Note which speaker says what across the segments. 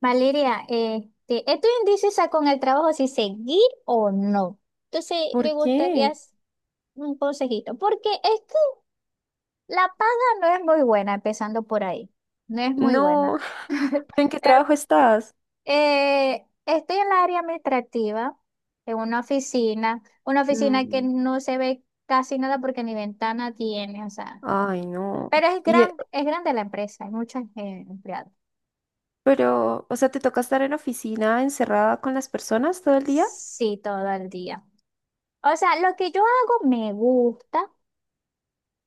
Speaker 1: Valeria, estoy indecisa con el trabajo si seguir o no. Entonces, me
Speaker 2: ¿Por
Speaker 1: gustaría
Speaker 2: qué?
Speaker 1: un consejito, porque es que la paga no es muy buena, empezando por ahí. No es muy
Speaker 2: No,
Speaker 1: buena.
Speaker 2: ¿pero en qué
Speaker 1: Eh,
Speaker 2: trabajo estás?
Speaker 1: estoy en la área administrativa, en una oficina que
Speaker 2: Mm,
Speaker 1: no se ve casi nada porque ni ventana tiene, o sea,
Speaker 2: Ay, no.
Speaker 1: pero
Speaker 2: Y,
Speaker 1: es grande la empresa, hay muchos empleados.
Speaker 2: pero, o sea, ¿te toca estar en oficina encerrada con las personas todo el día?
Speaker 1: Sí, todo el día. O sea, lo que yo hago me gusta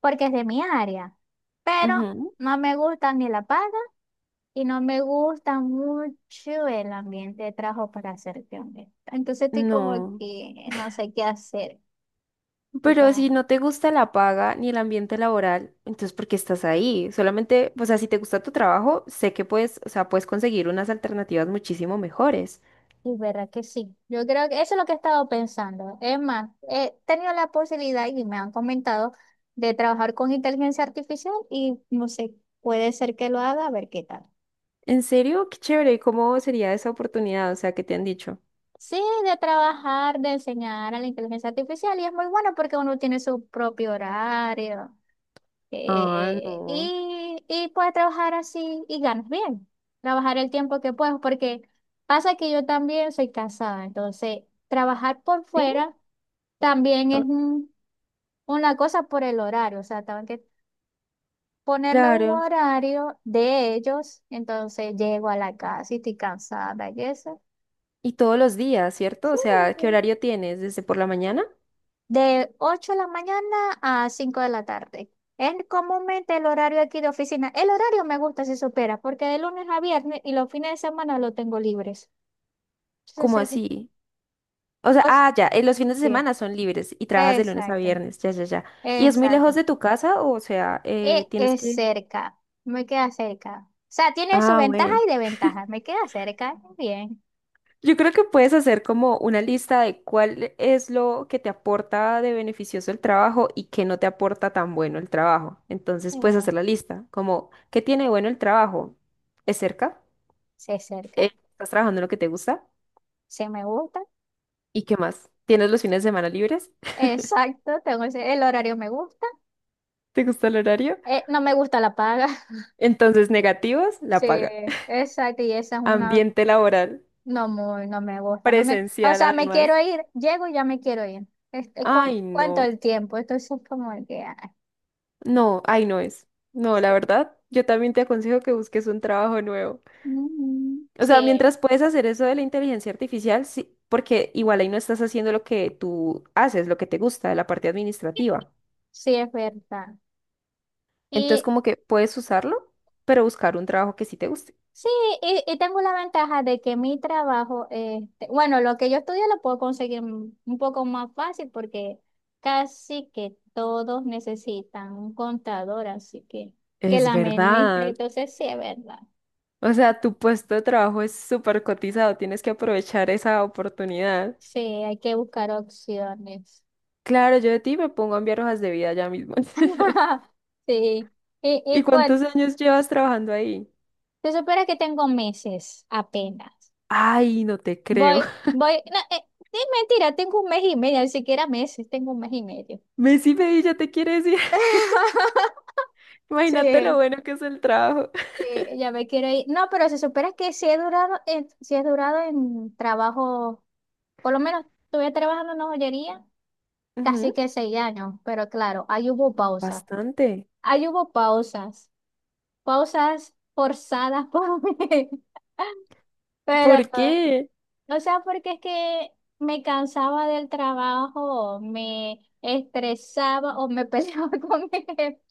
Speaker 1: porque es de mi área, pero
Speaker 2: Ujú.
Speaker 1: no me gusta ni la paga y no me gusta mucho el ambiente de trabajo para hacerte honesta. Entonces estoy como
Speaker 2: No.
Speaker 1: que no sé qué hacer. Y
Speaker 2: Pero
Speaker 1: como,
Speaker 2: si no te gusta la paga ni el ambiente laboral, entonces ¿por qué estás ahí? Solamente, o sea, si te gusta tu trabajo, sé que puedes, o sea, puedes conseguir unas alternativas muchísimo mejores.
Speaker 1: y verdad que sí. Yo creo que eso es lo que he estado pensando. Es más, he tenido la posibilidad y me han comentado de trabajar con inteligencia artificial y no sé, puede ser que lo haga, a ver qué tal.
Speaker 2: ¿En serio? Qué chévere. ¿Y cómo sería esa oportunidad? O sea, ¿qué te han dicho?
Speaker 1: Sí, de trabajar, de enseñar a la inteligencia artificial y es muy bueno porque uno tiene su propio horario
Speaker 2: Ah,
Speaker 1: eh,
Speaker 2: no.
Speaker 1: y, y puede trabajar así y ganas bien, trabajar el tiempo que puedas porque pasa que yo también soy casada, entonces trabajar por
Speaker 2: ¿Sí?
Speaker 1: fuera también
Speaker 2: Ah,
Speaker 1: una cosa por el horario, o sea, tengo que ponerme un
Speaker 2: claro.
Speaker 1: horario de ellos, entonces llego a la casa y estoy cansada y eso.
Speaker 2: Y todos los días, ¿cierto?
Speaker 1: Sí.
Speaker 2: O sea, ¿qué horario tienes? ¿Desde por la mañana?
Speaker 1: De 8 de la mañana a 5 de la tarde. Es comúnmente el horario aquí de oficina. El horario me gusta si supera, porque de lunes a viernes y los fines de semana lo tengo libres. Entonces,
Speaker 2: ¿Cómo así? O sea,
Speaker 1: os-
Speaker 2: los fines de
Speaker 1: sí,
Speaker 2: semana son libres y trabajas de lunes a
Speaker 1: exacto,
Speaker 2: viernes, ya, ya, ya. ¿Y es muy
Speaker 1: exacto.
Speaker 2: lejos de tu casa? O sea, tienes
Speaker 1: Es
Speaker 2: que…
Speaker 1: cerca, me queda cerca. O sea, tiene su
Speaker 2: Ah,
Speaker 1: ventaja
Speaker 2: bueno.
Speaker 1: y desventaja. Me queda cerca, bien.
Speaker 2: Yo creo que puedes hacer como una lista de cuál es lo que te aporta de beneficioso el trabajo y qué no te aporta tan bueno el trabajo. Entonces puedes
Speaker 1: eh,
Speaker 2: hacer la lista, como, ¿qué tiene de bueno el trabajo? ¿Es cerca?
Speaker 1: se cerca,
Speaker 2: ¿Estás trabajando en lo que te gusta?
Speaker 1: se me gusta.
Speaker 2: ¿Y qué más? ¿Tienes los fines de semana libres?
Speaker 1: Exacto, el horario me gusta.
Speaker 2: ¿Te gusta el horario?
Speaker 1: No me gusta la paga.
Speaker 2: Entonces, negativos, la
Speaker 1: Sí,
Speaker 2: paga.
Speaker 1: exacto, y esa es una.
Speaker 2: Ambiente laboral,
Speaker 1: No, muy, no me gusta, no me, o
Speaker 2: presencial
Speaker 1: sea, me
Speaker 2: además.
Speaker 1: quiero ir, llego y ya me quiero ir. Este, con
Speaker 2: Ay,
Speaker 1: cuánto
Speaker 2: no,
Speaker 1: el tiempo, entonces es como que, ay,
Speaker 2: no, ay, no es. No, la
Speaker 1: sí.
Speaker 2: verdad, yo también te aconsejo que busques un trabajo nuevo.
Speaker 1: Mm,
Speaker 2: O sea,
Speaker 1: sí,
Speaker 2: mientras puedes hacer eso de la inteligencia artificial, sí, porque igual ahí no estás haciendo lo que tú haces, lo que te gusta, la parte administrativa.
Speaker 1: sí, es verdad.
Speaker 2: Entonces,
Speaker 1: Y
Speaker 2: como que puedes usarlo, pero buscar un trabajo que sí te guste.
Speaker 1: sí, y tengo la ventaja de que mi trabajo, este, bueno, lo que yo estudio lo puedo conseguir un poco más fácil porque casi que todos necesitan un contador, así que
Speaker 2: Es
Speaker 1: la administre,
Speaker 2: verdad.
Speaker 1: entonces sí, es verdad.
Speaker 2: O sea, tu puesto de trabajo es súper cotizado, tienes que aprovechar esa oportunidad.
Speaker 1: Sí, hay que buscar opciones.
Speaker 2: Claro, yo de ti me pongo a enviar hojas de vida ya mismo.
Speaker 1: Sí,
Speaker 2: ¿Y
Speaker 1: y cuál,
Speaker 2: cuántos años llevas trabajando ahí?
Speaker 1: se supone que tengo meses apenas.
Speaker 2: Ay, no te creo.
Speaker 1: Voy, voy, no, es mentira, tengo 1 mes y medio, ni siquiera meses, tengo 1 mes y medio.
Speaker 2: Messi ya te quiere decir. Imagínate lo
Speaker 1: Sí.
Speaker 2: bueno que es el trabajo.
Speaker 1: Sí, ya me quiero ir. No, pero se supone que si he sí he durado en trabajo, por lo menos estuve trabajando en una joyería casi
Speaker 2: Ujú,
Speaker 1: que 6 años, pero claro,
Speaker 2: bastante.
Speaker 1: ahí hubo pausas, pausas forzadas por mí, pero
Speaker 2: ¿Por qué?
Speaker 1: o sea, porque es que me cansaba del trabajo, me estresaba o me peleaba con mi jefe.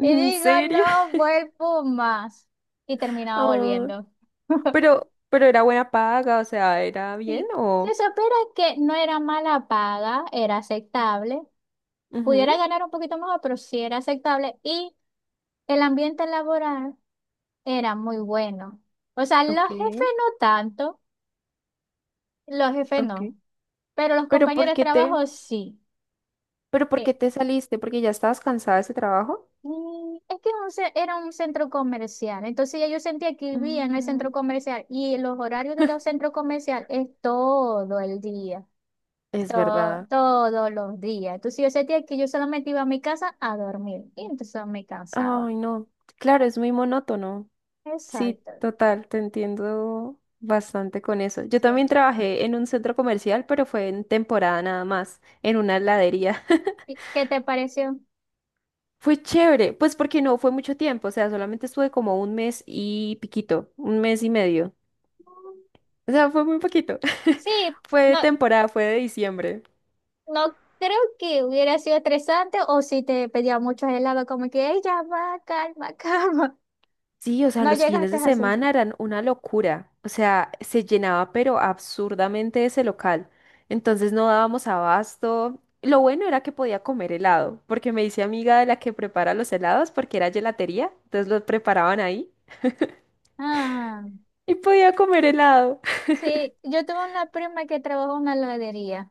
Speaker 1: Y digo,
Speaker 2: serio?
Speaker 1: no vuelvo más. Y terminaba
Speaker 2: Ah,
Speaker 1: volviendo.
Speaker 2: pero, era buena paga, o sea, ¿era bien
Speaker 1: Sí, se
Speaker 2: o…?
Speaker 1: supiera que no era mala paga, era aceptable. Pudiera
Speaker 2: Ujú,
Speaker 1: ganar un poquito mejor, pero sí era aceptable. Y el ambiente laboral era muy bueno. O sea,
Speaker 2: ok,
Speaker 1: los jefes no tanto, los jefes
Speaker 2: ok.
Speaker 1: no, pero los
Speaker 2: ¿Pero por
Speaker 1: compañeros de
Speaker 2: qué te,
Speaker 1: trabajo sí.
Speaker 2: pero por
Speaker 1: Eh,
Speaker 2: qué te saliste? ¿Porque ya estabas cansada de ese trabajo?
Speaker 1: Es que era un centro comercial, entonces ya yo sentía que vivía en el centro
Speaker 2: Mm,
Speaker 1: comercial y los horarios de los centros comerciales es todo el día,
Speaker 2: es verdad.
Speaker 1: todos los días. Entonces yo sentía que yo solamente iba a mi casa a dormir y entonces me cansaba.
Speaker 2: Ay, no. Claro, es muy monótono. Sí,
Speaker 1: Exacto,
Speaker 2: total, te entiendo bastante con eso. Yo
Speaker 1: sí.
Speaker 2: también trabajé en un centro comercial, pero fue en temporada nada más, en una heladería.
Speaker 1: ¿Y qué te pareció?
Speaker 2: Fue chévere, pues porque no fue mucho tiempo, o sea, solamente estuve como un mes y piquito, un mes y medio.
Speaker 1: Mm,
Speaker 2: O sea, fue muy poquito.
Speaker 1: Sí,
Speaker 2: Fue
Speaker 1: no,
Speaker 2: temporada, fue de diciembre.
Speaker 1: no creo que hubiera sido estresante o si te pedía muchos helados, como que, ella ya va, calma, calma.
Speaker 2: Sí, o sea,
Speaker 1: No
Speaker 2: los fines
Speaker 1: llegaste
Speaker 2: de
Speaker 1: así.
Speaker 2: semana eran una locura. O sea, se llenaba pero absurdamente ese local. Entonces no dábamos abasto. Lo bueno era que podía comer helado, porque me hice amiga de la que prepara los helados, porque era gelatería, entonces los preparaban ahí
Speaker 1: Ah.
Speaker 2: y podía comer helado.
Speaker 1: Sí, yo tuve una prima que trabajó en una heladería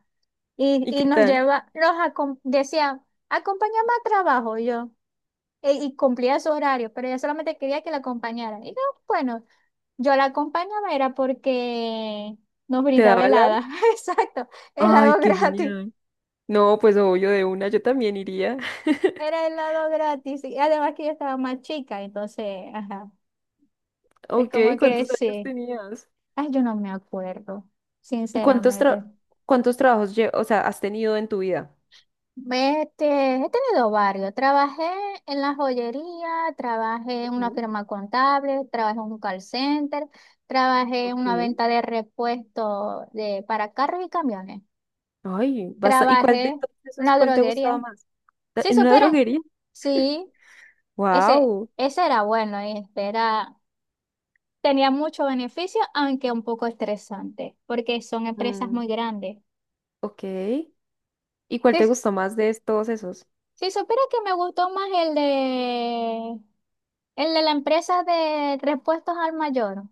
Speaker 2: ¿Y
Speaker 1: y
Speaker 2: qué
Speaker 1: nos
Speaker 2: tal?
Speaker 1: lleva, nos acom- decía, acompáñame a trabajo y yo, y cumplía su horario, pero ella solamente quería que la acompañaran. Y yo, bueno, yo la acompañaba era porque nos
Speaker 2: ¿Te
Speaker 1: brindaba
Speaker 2: daba helado?
Speaker 1: helada, exacto,
Speaker 2: Ay,
Speaker 1: helado
Speaker 2: qué
Speaker 1: gratis,
Speaker 2: genial. No, pues obvio, de una yo también iría.
Speaker 1: era helado gratis, y además que yo estaba más chica, entonces, ajá, es
Speaker 2: Ok,
Speaker 1: como que
Speaker 2: ¿cuántos años
Speaker 1: sí,
Speaker 2: tenías?
Speaker 1: ay, yo no me acuerdo,
Speaker 2: ¿Cuántos tra-
Speaker 1: sinceramente.
Speaker 2: cuántos trabajos, o sea, has tenido en tu vida?
Speaker 1: Este, he tenido varios. Trabajé en la joyería, trabajé en una firma contable, trabajé en un call center, trabajé en
Speaker 2: Ok.
Speaker 1: una venta de repuestos de, para carros y camiones.
Speaker 2: Ay, basta. ¿Y cuál
Speaker 1: Trabajé
Speaker 2: de
Speaker 1: en
Speaker 2: todos esos,
Speaker 1: una
Speaker 2: cuál te
Speaker 1: droguería.
Speaker 2: gustaba más?
Speaker 1: Sí,
Speaker 2: ¿En una
Speaker 1: supieras.
Speaker 2: droguería?
Speaker 1: Sí, ese,
Speaker 2: Wow.
Speaker 1: ese era bueno, este era, tenía mucho beneficio, aunque un poco estresante, porque son empresas muy grandes.
Speaker 2: Ok. ¿Y cuál te gustó más de todos esos?
Speaker 1: Si supiera que me gustó más el de la empresa de repuestos al mayor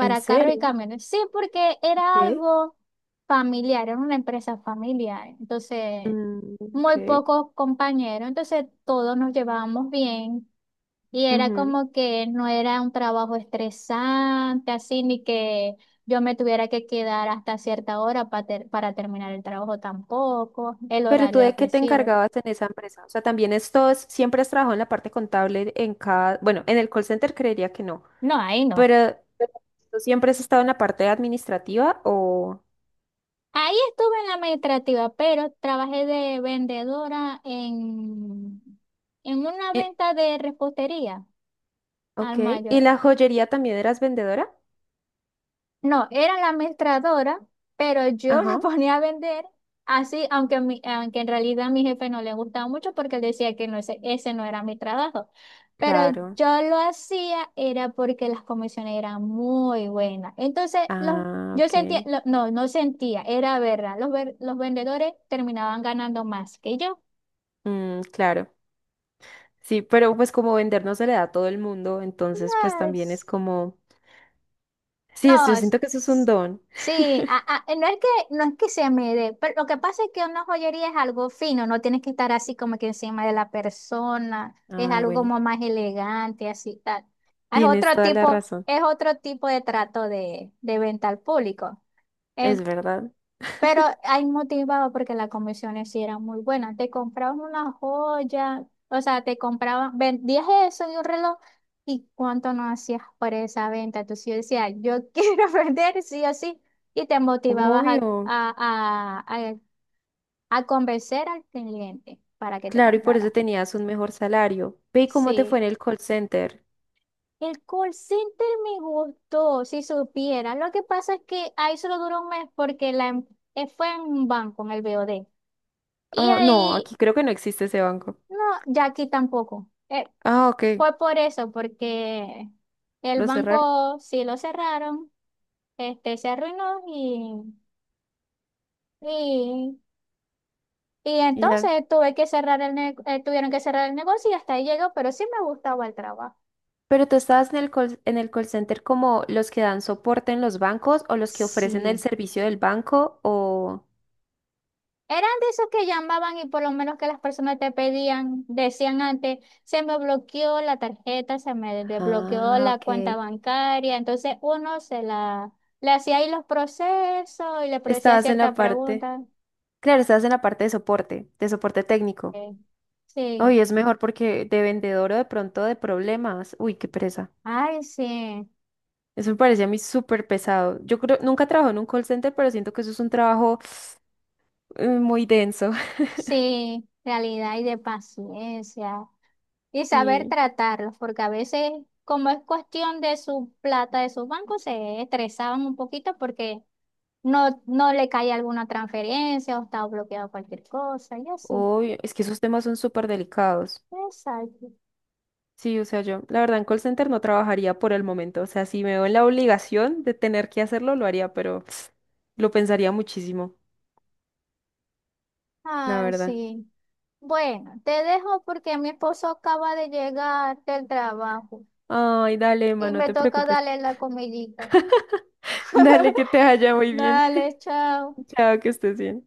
Speaker 2: ¿En
Speaker 1: carros y
Speaker 2: serio?
Speaker 1: camiones. Sí, porque era
Speaker 2: Ok.
Speaker 1: algo familiar, era una empresa familiar. Entonces,
Speaker 2: Mm,
Speaker 1: muy
Speaker 2: ok.
Speaker 1: pocos compañeros. Entonces, todos nos llevábamos bien. Y era
Speaker 2: Ujú.
Speaker 1: como que no era un trabajo estresante, así, ni que yo me tuviera que quedar hasta cierta hora para terminar el trabajo tampoco. El
Speaker 2: ¿Pero tú
Speaker 1: horario era
Speaker 2: de qué te
Speaker 1: flexible.
Speaker 2: encargabas en esa empresa? O sea, siempre has trabajado en la parte contable en cada, bueno, en el call center creería que no,
Speaker 1: No, ahí no.
Speaker 2: pero ¿tú siempre has estado en la parte administrativa o…
Speaker 1: Ahí estuve en la administrativa, pero trabajé en una
Speaker 2: eh,
Speaker 1: venta de repostería al
Speaker 2: ok. ¿Y
Speaker 1: mayor.
Speaker 2: en la joyería también eras vendedora?
Speaker 1: No, era la mestradora, pero yo la
Speaker 2: Ajá.
Speaker 1: ponía a vender así, aunque, aunque en realidad a mi jefe no le gustaba mucho porque él decía que no, ese no era mi trabajo. Pero
Speaker 2: Claro.
Speaker 1: yo lo hacía era porque las comisiones eran muy buenas. Entonces, los,
Speaker 2: Ah,
Speaker 1: yo sentía,
Speaker 2: ok.
Speaker 1: no sentía, era verdad. Los vendedores terminaban ganando más que yo.
Speaker 2: Mm, claro. Sí, pero pues como vender no se le da a todo el mundo, entonces pues también es como… Sí,
Speaker 1: No,
Speaker 2: yo siento que eso es un
Speaker 1: es-
Speaker 2: don.
Speaker 1: sí, no es que, no es que se me dé, pero lo que pasa es que una joyería es algo fino, no tienes que estar así como que encima de la persona, es
Speaker 2: Ah,
Speaker 1: algo
Speaker 2: bueno,
Speaker 1: como más elegante, así tal.
Speaker 2: tienes toda la razón.
Speaker 1: Es otro tipo de trato de venta al público.
Speaker 2: Es verdad.
Speaker 1: Pero ahí motivado porque las comisiones sí eran muy buenas. Te compraban una joya, o sea, te compraban, vendías eso y un reloj. ¿Y cuánto no hacías por esa venta? Entonces yo decía, yo quiero vender sí o sí. Y te motivabas
Speaker 2: Obvio.
Speaker 1: a, a, a, a convencer al cliente para que te
Speaker 2: Claro, y por eso
Speaker 1: comprara.
Speaker 2: tenías un mejor salario. Ve, ¿y cómo te fue
Speaker 1: Sí.
Speaker 2: en el call center?
Speaker 1: El call center me gustó, si supiera. Lo que pasa es que ahí solo duró 1 mes porque fue en un banco, en el BOD. Y
Speaker 2: Ah, no,
Speaker 1: ahí
Speaker 2: aquí creo que no existe ese banco.
Speaker 1: no, ya aquí tampoco.
Speaker 2: Ah, ok.
Speaker 1: Fue por eso, porque el
Speaker 2: Lo cerraron
Speaker 1: banco sí lo cerraron, este se arruinó y, y
Speaker 2: y ya.
Speaker 1: entonces tuve que tuvieron que cerrar el negocio y hasta ahí llegó, pero sí me gustaba el trabajo.
Speaker 2: Pero tú estabas en el call center como los que dan soporte en los bancos o los que ofrecen el
Speaker 1: Sí,
Speaker 2: servicio del banco o…
Speaker 1: eran de esos que llamaban y por lo menos que las personas te pedían, decían antes, se me bloqueó la tarjeta, se me desbloqueó
Speaker 2: Ah,
Speaker 1: la cuenta
Speaker 2: ok.
Speaker 1: bancaria. Entonces uno se la, le hacía ahí los procesos y le hacía
Speaker 2: Estabas en
Speaker 1: ciertas
Speaker 2: la parte,
Speaker 1: preguntas.
Speaker 2: claro, estabas en la parte de soporte técnico.
Speaker 1: Eh, Sí,
Speaker 2: Uy, es mejor porque de vendedor o de pronto de problemas. Uy, qué presa.
Speaker 1: ay, sí,
Speaker 2: Eso me parece a mí súper pesado. Yo creo, nunca trabajo en un call center, pero siento que eso es un trabajo muy denso.
Speaker 1: sí, realidad y de paciencia. Y saber
Speaker 2: Y,
Speaker 1: tratarlos, porque a veces, como es cuestión de su plata, de su banco, se estresaban un poquito porque no, no le cae alguna transferencia o está bloqueado cualquier cosa, y así.
Speaker 2: obvio, es que esos temas son súper delicados.
Speaker 1: Exacto.
Speaker 2: Sí, o sea, yo, la verdad, en call center no trabajaría por el momento. O sea, si me veo en la obligación de tener que hacerlo, lo haría, pero lo pensaría muchísimo, la
Speaker 1: Ah,
Speaker 2: verdad.
Speaker 1: sí. Bueno, te dejo porque mi esposo acaba de llegar del trabajo
Speaker 2: Ay, dale, Emma,
Speaker 1: y
Speaker 2: no
Speaker 1: me
Speaker 2: te
Speaker 1: toca
Speaker 2: preocupes.
Speaker 1: darle la comidita.
Speaker 2: Dale, que te vaya muy bien.
Speaker 1: Dale, chao.
Speaker 2: Chao, que estés bien.